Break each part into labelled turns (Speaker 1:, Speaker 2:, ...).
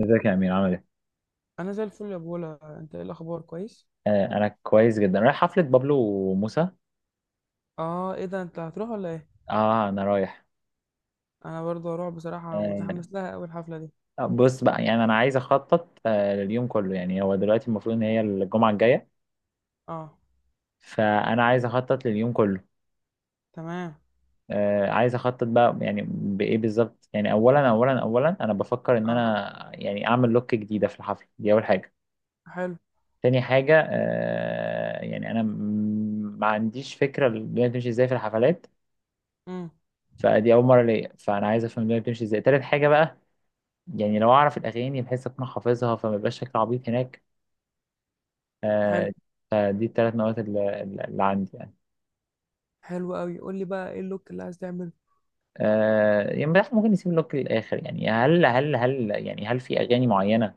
Speaker 1: ازيك يا امير، عامل ايه؟
Speaker 2: انا زي الفل يا بولا، انت ايه الاخبار؟ كويس؟
Speaker 1: انا كويس جدا، رايح حفلة بابلو وموسى.
Speaker 2: اه، ايه ده، انت هتروح ولا ايه؟
Speaker 1: اه، انا رايح.
Speaker 2: انا برضه هروح، بصراحه
Speaker 1: آه
Speaker 2: متحمس لها قوي الحفله دي.
Speaker 1: بص بقى، يعني انا عايز اخطط لليوم كله. يعني هو دلوقتي المفروض ان هي الجمعة الجاية،
Speaker 2: اه.
Speaker 1: فانا عايز اخطط لليوم كله.
Speaker 2: تمام.
Speaker 1: عايز اخطط بقى، يعني بايه بالظبط؟ يعني اولا انا بفكر ان
Speaker 2: اه.
Speaker 1: انا يعني اعمل لوك جديدة في الحفلة دي، اول حاجة.
Speaker 2: حلو.
Speaker 1: تاني حاجة، يعني انا ما عنديش فكرة الدنيا بتمشي ازاي في الحفلات،
Speaker 2: امم.
Speaker 1: فدي اول مرة ليا، فانا عايز افهم الدنيا بتمشي ازاي. تالت حاجة بقى، يعني لو اعرف الاغاني بحيث اكون حافظها فما يبقاش شكل عبيط هناك.
Speaker 2: حلو.
Speaker 1: آه فدي الثلاث نوات اللي عندي يعني.
Speaker 2: حلو قوي، قول لي بقى ايه اللوك اللي عايز تعمله؟
Speaker 1: يعني بحس ممكن نسيب اللوك للاخر. يعني هل في اغاني معينه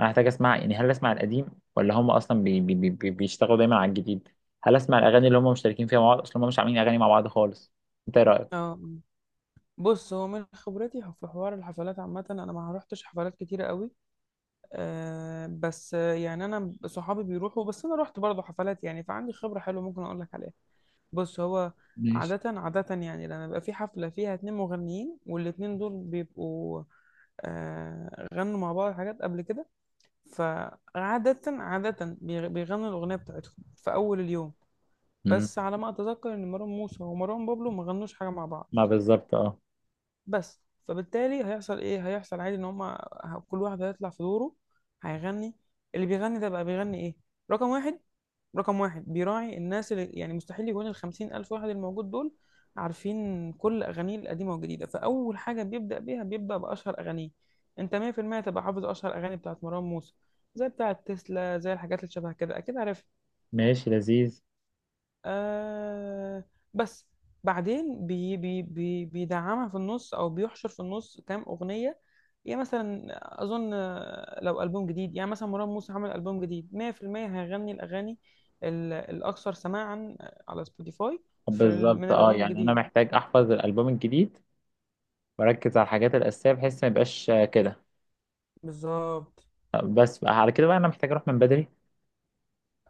Speaker 1: انا هحتاج اسمع؟ يعني هل اسمع القديم، ولا هم اصلا بيشتغلوا دايما على الجديد؟ هل اسمع الاغاني اللي هم مشتركين فيها مع بعض؟ اصلا هم مش عاملين اغاني مع بعض خالص. انت ايه رايك؟
Speaker 2: اه. مم. بص، هو من خبرتي في حوار الحفلات عامه، انا ما روحتش حفلات كتيره قوي. آه بس آه، يعني انا صحابي بيروحوا، بس انا رحت برضه حفلات يعني، فعندي خبره حلوه ممكن اقول لك عليها. بص هو
Speaker 1: ماشي.
Speaker 2: عادة عادة يعني لما بيبقى في حفلة فيها اتنين مغنيين، والاتنين دول بيبقوا غنوا مع بعض حاجات قبل كده. فعادة عادة بيغنوا الأغنية بتاعتهم في أول اليوم.
Speaker 1: مم.
Speaker 2: بس على ما أتذكر إن مروان موسى ومروان بابلو ما غنوش حاجة مع بعض.
Speaker 1: ما بالظبط، اه.
Speaker 2: بس فبالتالي هيحصل ايه؟ هيحصل عادي ان هما كل واحد هيطلع في دوره، هيغني. اللي بيغني ده بقى بيغني ايه؟ رقم واحد رقم واحد بيراعي الناس اللي، يعني مستحيل يكون الخمسين ألف واحد الموجود دول عارفين كل أغانيه القديمة والجديدة، فأول حاجة بيبدأ بأشهر أغانيه. أنت 100% تبقى حافظ أشهر أغاني بتاعت مروان موسى، زي بتاعت تسلا، زي الحاجات اللي شبه كده، أكيد عارف.
Speaker 1: ماشي، لذيذ.
Speaker 2: آه بس بعدين بي بي بي بيدعمها في النص، او بيحشر في النص كام اغنيه، يعني مثلا اظن، لو البوم جديد، يعني مثلا مروان موسى عمل البوم جديد، 100% هيغني الاغاني الاكثر سماعا على سبوتيفاي، من
Speaker 1: بالظبط، اه،
Speaker 2: الالبوم
Speaker 1: يعني انا
Speaker 2: الجديد.
Speaker 1: محتاج احفظ الالبوم الجديد واركز على الحاجات الاساسيه بحيث ما يبقاش كده.
Speaker 2: بالظبط.
Speaker 1: بس بقى، على كده بقى انا محتاج اروح من بدري.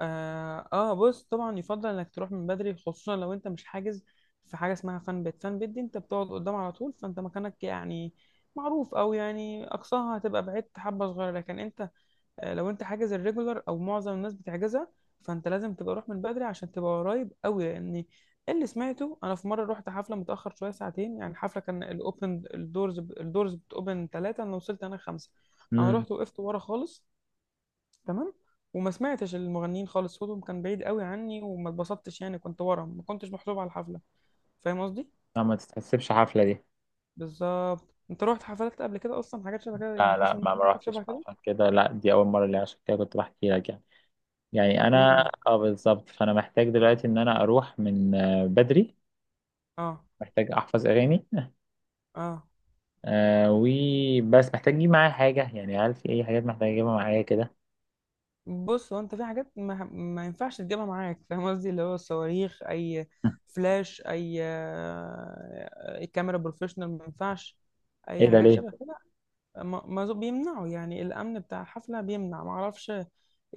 Speaker 2: بص طبعا يفضل انك تروح من بدري خصوصا لو انت مش حاجز. في حاجه اسمها فان بيت، فان بيت دي انت بتقعد قدام على طول، فانت مكانك يعني معروف، او يعني اقصاها هتبقى بعدت حبه صغيره، لكن انت لو انت حاجز الريجولر، او معظم الناس بتحجزها، فانت لازم تبقى روح من بدري عشان تبقى قريب قوي. لان اللي سمعته انا في مره، رحت حفله متاخر شويه ساعتين، يعني الحفله كان الاوبن الدورز بتوبن ثلاثه، انا وصلت انا خمسه. انا
Speaker 1: امم.
Speaker 2: رحت وقفت ورا خالص. تمام. وما سمعتش المغنيين خالص، صوتهم كان بعيد قوي عني، وما اتبسطتش يعني، كنت ورا، ما كنتش محسوب على الحفله. فاهم قصدي؟
Speaker 1: لا، ما تتحسبش حفله دي.
Speaker 2: بالظبط. انت رحت حفلات قبل كده اصلا، حاجات شبه كده؟ يعني
Speaker 1: لا لا،
Speaker 2: حصل
Speaker 1: ما
Speaker 2: معاك
Speaker 1: ما
Speaker 2: موقف
Speaker 1: روحتش
Speaker 2: شبه
Speaker 1: بقى
Speaker 2: كده؟
Speaker 1: عشان كده، لا دي اول مره، اللي عشان كده كنت بحكي لك يعني. يعني انا،
Speaker 2: امم.
Speaker 1: اه، بالظبط، فانا محتاج دلوقتي ان انا اروح من بدري.
Speaker 2: اه.
Speaker 1: محتاج احفظ اغاني.
Speaker 2: اه.
Speaker 1: وبس، محتاج اجيب معايا حاجه. يعني هل في اي حاجات محتاج اجيبها معايا كده؟
Speaker 2: بص، هو انت في حاجات ما ينفعش تجيبها معاك فاهم قصدي، اللي هو الصواريخ، اي فلاش، اي، أي كاميرا بروفيشنال، ما ينفعش اي
Speaker 1: ايه ده؟
Speaker 2: حاجات
Speaker 1: ليه؟
Speaker 2: شبه كده. بيمنعوا يعني، الامن بتاع الحفله بيمنع، ما اعرفش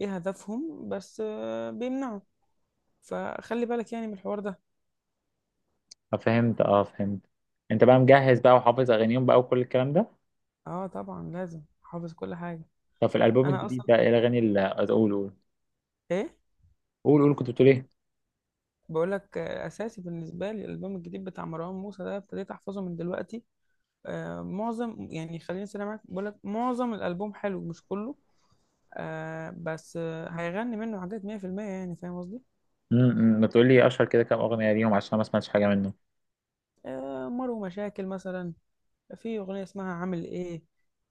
Speaker 2: ايه هدفهم، بس، بيمنعوا. فخلي بالك يعني من الحوار ده.
Speaker 1: فهمت. انت بقى مجهز بقى وحافظ اغانيهم بقى وكل الكلام ده.
Speaker 2: اه طبعا، لازم حافظ كل حاجه.
Speaker 1: طب في الالبوم
Speaker 2: انا
Speaker 1: الجديد
Speaker 2: اصلا
Speaker 1: ده، ايه الاغاني اللي؟ قول قول.
Speaker 2: ايه،
Speaker 1: قول قول، كنت بتقول ايه؟
Speaker 2: بقول لك اساسي بالنسبه لي، الالبوم الجديد بتاع مروان موسى ده ابتديت احفظه من دلوقتي. معظم يعني، خليني سريع معاك، بقول لك معظم الالبوم حلو مش كله. بس هيغني منه حاجات 100%، يعني فاهم قصدي.
Speaker 1: ما تقولي اشهر كده كام اغنيه ليهم، عشان ما سمعتش حاجه منه.
Speaker 2: مر مشاكل مثلا، في اغنيه اسمها عامل ايه،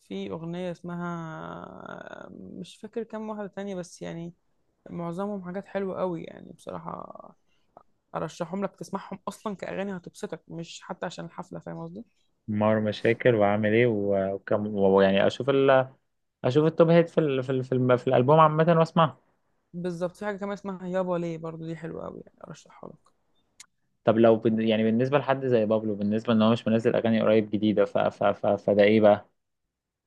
Speaker 2: في اغنيه اسمها، مش فاكر كام واحده تانية بس يعني. معظمهم حاجات حلوة قوي يعني بصراحة، أرشحهم لك تسمعهم أصلا كأغاني هتبسطك، مش حتى عشان الحفلة، فاهم قصدي؟
Speaker 1: مار مشاكل، وعامل ايه وكم، ويعني اشوف اشوف التوب هيت في ال في ال في, الم- في الالبوم عامه واسمعها.
Speaker 2: بالظبط. في حاجة كمان اسمها يابا ليه، برضو دي حلوة قوي يعني، أرشحها لك.
Speaker 1: طب لو يعني بالنسبه لحد زي بابلو، بالنسبه ان هو مش منزل اغاني قريب جديده، ف ف ف فده ايه بقى؟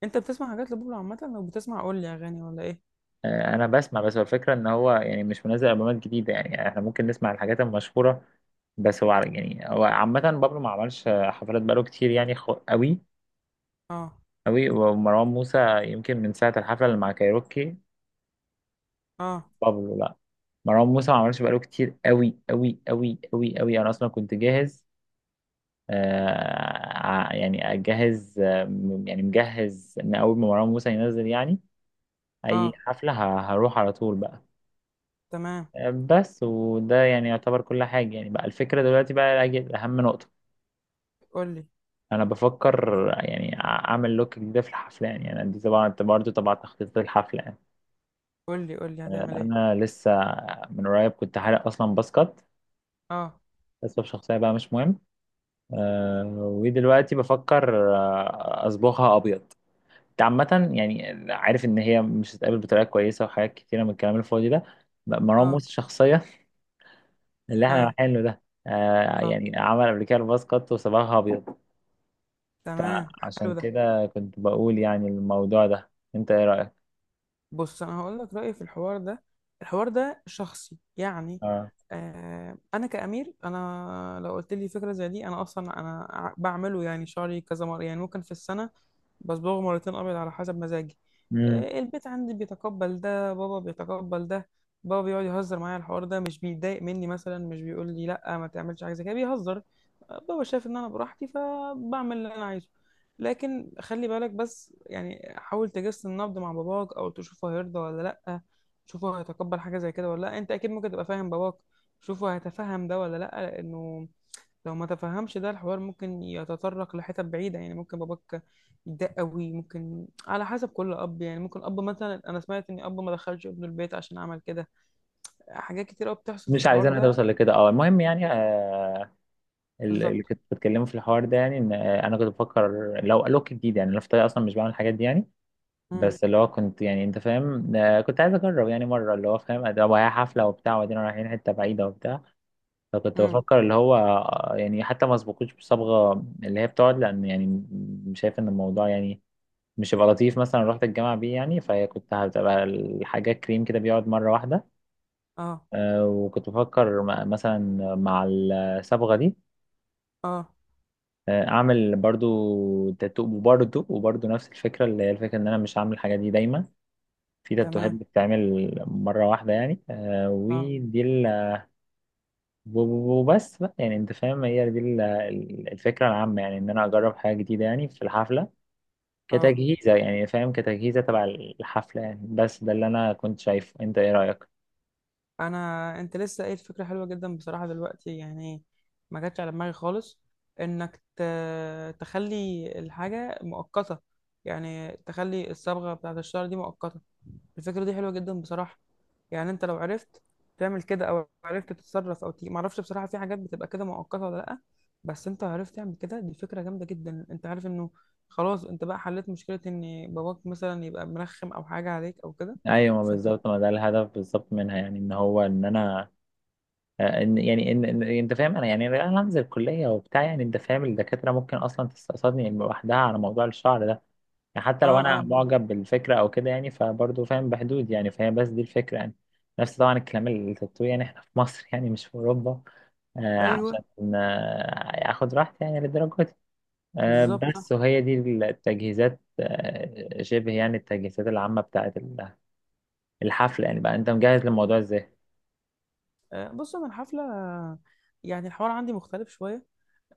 Speaker 2: أنت بتسمع حاجات لبوبلو عامة؟ لو بتسمع قول لي أغاني، ولا إيه؟
Speaker 1: انا بسمع. بس هو الفكره ان هو يعني مش منزل البومات جديده، يعني احنا ممكن نسمع الحاجات المشهوره بس. هو يعني هو عامه بابلو ما عملش حفلات بقاله كتير يعني، قوي
Speaker 2: أه.
Speaker 1: قوي. ومروان موسى يمكن من ساعه الحفله اللي مع كايروكي.
Speaker 2: أه.
Speaker 1: بابلو لا. مروان موسى ما عملش بقاله كتير قوي قوي قوي قوي قوي. انا اصلا كنت جاهز. يعني اجهز. يعني مجهز ان اول ما مروان موسى ينزل يعني اي
Speaker 2: أه.
Speaker 1: حفله هروح على طول بقى.
Speaker 2: تمام.
Speaker 1: بس. وده يعني يعتبر كل حاجه يعني. بقى الفكره دلوقتي بقى، اهم نقطه،
Speaker 2: قول لي،
Speaker 1: انا بفكر يعني اعمل لوك جديده في الحفله. يعني انا دي طبعا انت برضه طبعا تخطيط الحفله يعني.
Speaker 2: قول لي، قول لي هتعمل إيه؟
Speaker 1: انا لسه من قريب كنت حالق اصلا باسكت،
Speaker 2: أه.
Speaker 1: اسباب شخصيه بقى مش مهم. ودلوقتي بفكر اصبغها ابيض. انت عامة يعني عارف ان هي مش هتتقابل بطريقة كويسة، وحاجات كتيرة من الكلام الفاضي ده. مروان
Speaker 2: أه.
Speaker 1: موسى شخصيا اللي احنا
Speaker 2: إيه.
Speaker 1: رايحين له ده
Speaker 2: أه.
Speaker 1: يعني عمل قبل كده الباص كات وصبغها ابيض.
Speaker 2: تمام، حلو
Speaker 1: فعشان
Speaker 2: ده.
Speaker 1: كده كنت بقول يعني الموضوع ده. انت ايه رأيك؟
Speaker 2: بص انا هقول لك رايي في الحوار ده. الحوار ده شخصي يعني.
Speaker 1: اه.
Speaker 2: انا كامير، انا لو قلت لي فكره زي دي، انا اصلا انا بعمله يعني، شعري كذا مره يعني، ممكن في السنه بصبغه مرتين ابيض على حسب مزاجي.
Speaker 1: مم.
Speaker 2: البيت عندي بيتقبل ده، بابا بيتقبل ده. بابا بيقعد يهزر معايا على الحوار ده، مش بيتضايق مني، مثلا مش بيقول لي لا ما تعملش حاجه زي كده، بيهزر. ، بابا شايف ان انا براحتي، فبعمل اللي انا عايزه. لكن خلي بالك بس يعني، حاول تجس النبض مع باباك، او تشوفه هيرضى ولا لا، تشوفه هيتقبل حاجه زي كده ولا لا. انت اكيد ممكن تبقى فاهم باباك، شوفه هيتفهم ده ولا لا، لانه لو ما تفهمش ده الحوار، ممكن يتطرق لحتت بعيده. يعني ممكن باباك يتضايق قوي، ممكن على حسب كل اب، يعني ممكن اب مثلا، انا سمعت ان اب ما دخلش ابنه البيت عشان عمل كده. حاجات كتير قوي بتحصل في
Speaker 1: مش
Speaker 2: الحوار
Speaker 1: عايزينها
Speaker 2: ده.
Speaker 1: توصل لكده، اه. المهم يعني، اللي
Speaker 2: بالظبط.
Speaker 1: كنت بتكلمه في الحوار ده، يعني ان انا كنت بفكر لو لوك جديد، يعني انا في الطريق اصلا مش بعمل الحاجات دي يعني.
Speaker 2: امم.
Speaker 1: بس اللي هو، كنت يعني، انت فاهم، كنت عايز اجرب يعني مره، اللي هو فاهم ده هي حفله وبتاع، وبعدين رايحين حته بعيده وبتاع. فكنت
Speaker 2: امم.
Speaker 1: بفكر اللي هو يعني حتى ما اسبقوش بصبغه اللي هي بتقعد. لان يعني شايف ان الموضوع يعني مش هيبقى لطيف، مثلا رحت الجامعه بيه يعني، فهي كنت هتبقى الحاجه كريم كده، بيقعد مره واحده.
Speaker 2: اه.
Speaker 1: وكنت بفكر مثلا مع الصبغه دي
Speaker 2: اه.
Speaker 1: اعمل برضو تاتو، وبرضو نفس الفكره، اللي هي الفكره ان انا مش هعمل الحاجه دي دايما. في تاتوهات
Speaker 2: تمام.
Speaker 1: بتتعمل مرة واحدة يعني
Speaker 2: اه.
Speaker 1: ودي وبس بقى يعني. انت فاهم هي دي الفكرة العامة، يعني ان انا اجرب حاجة جديدة يعني في الحفلة،
Speaker 2: اه.
Speaker 1: كتجهيزة يعني، فاهم، كتجهيزة تبع الحفلة يعني. بس ده اللي انا كنت شايفه. انت ايه رأيك؟
Speaker 2: انت لسه قايل فكره حلوه جدا بصراحه دلوقتي يعني، ما جاتش على دماغي خالص، انك ت... تخلي الحاجه مؤقته، يعني تخلي الصبغه بتاعت الشعر دي مؤقته. الفكره دي حلوه جدا بصراحه. يعني انت لو عرفت تعمل كده، او عرفت تتصرف او تيجي، ما اعرفش بصراحه في حاجات بتبقى كده مؤقته ولا لا، بس انت عرفت تعمل كده دي فكره جامده جدا. انت عارف انه خلاص انت بقى حليت مشكله ان باباك مثلا يبقى مرخم او حاجه عليك او كده.
Speaker 1: ايوه، ما
Speaker 2: فانت اه.
Speaker 1: بالظبط. ما ده الهدف بالظبط منها، يعني ان هو ان انا، ان يعني، ان انت فاهم، انا يعني انا هنزل كلية وبتاع، يعني انت فاهم الدكاترة ممكن اصلا تستقصدني لوحدها على موضوع الشعر ده، يعني حتى لو
Speaker 2: اه.
Speaker 1: انا
Speaker 2: آه.
Speaker 1: معجب بالفكره او كده يعني، فبرضه فاهم بحدود يعني. فهي بس دي الفكره يعني. نفس طبعا الكلام التاتو، يعني احنا في مصر يعني مش في اوروبا.
Speaker 2: ايوه،
Speaker 1: عشان اخد راحتي يعني للدرجه دي.
Speaker 2: بالظبط، صح.
Speaker 1: بس. وهي دي التجهيزات شبه يعني التجهيزات العامه بتاعت الحفل يعني. بقى انت مجهز للموضوع ازاي؟
Speaker 2: ، بص انا الحفله، يعني الحوار عندي مختلف شويه.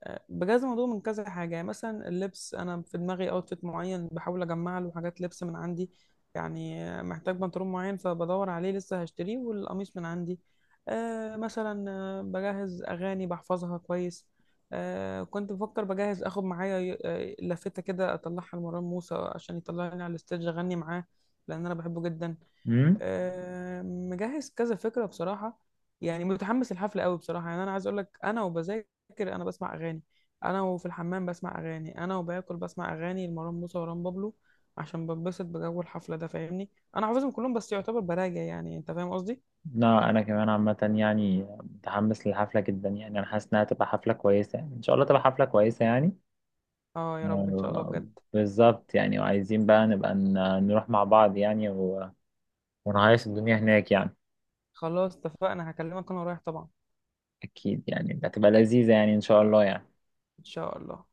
Speaker 2: ، بجاز الموضوع من كذا حاجه، يعني مثلا اللبس، انا في دماغي اوتفيت معين، بحاول اجمع له حاجات لبس من عندي، يعني، محتاج بنطلون معين فبدور عليه لسه هشتريه، والقميص من عندي. ، مثلا، بجهز اغاني بحفظها كويس. ، كنت بفكر بجهز اخد معايا، لافته كده اطلعها لمروان موسى عشان يطلعني على الستيج اغني معاه، لان انا بحبه جدا.
Speaker 1: امم.
Speaker 2: ، مجهز كذا فكرة بصراحة، يعني متحمس الحفلة قوي بصراحة. يعني أنا عايز أقول لك، أنا وبذاكر أنا بسمع أغاني، أنا وفي الحمام بسمع أغاني، أنا وباكل بسمع أغاني لمروان موسى ومروان بابلو، عشان بنبسط بجو الحفلة ده، فاهمني؟ أنا حافظهم كلهم، بس يعتبر براجع يعني، أنت فاهم قصدي؟
Speaker 1: لا، انا كمان عامه يعني متحمس للحفله جدا، يعني انا حاسس انها تبقى حفله كويسه يعني، ان شاء الله تبقى حفله كويسه يعني.
Speaker 2: آه يا رب، إن شاء الله
Speaker 1: آه،
Speaker 2: بجد.
Speaker 1: بالظبط يعني. وعايزين بقى نبقى نروح مع بعض يعني ونعيش الدنيا هناك يعني.
Speaker 2: خلاص اتفقنا، هكلمك وأنا رايح طبعا.
Speaker 1: أكيد يعني هتبقى لذيذة يعني، إن شاء الله يعني.
Speaker 2: إن شاء الله.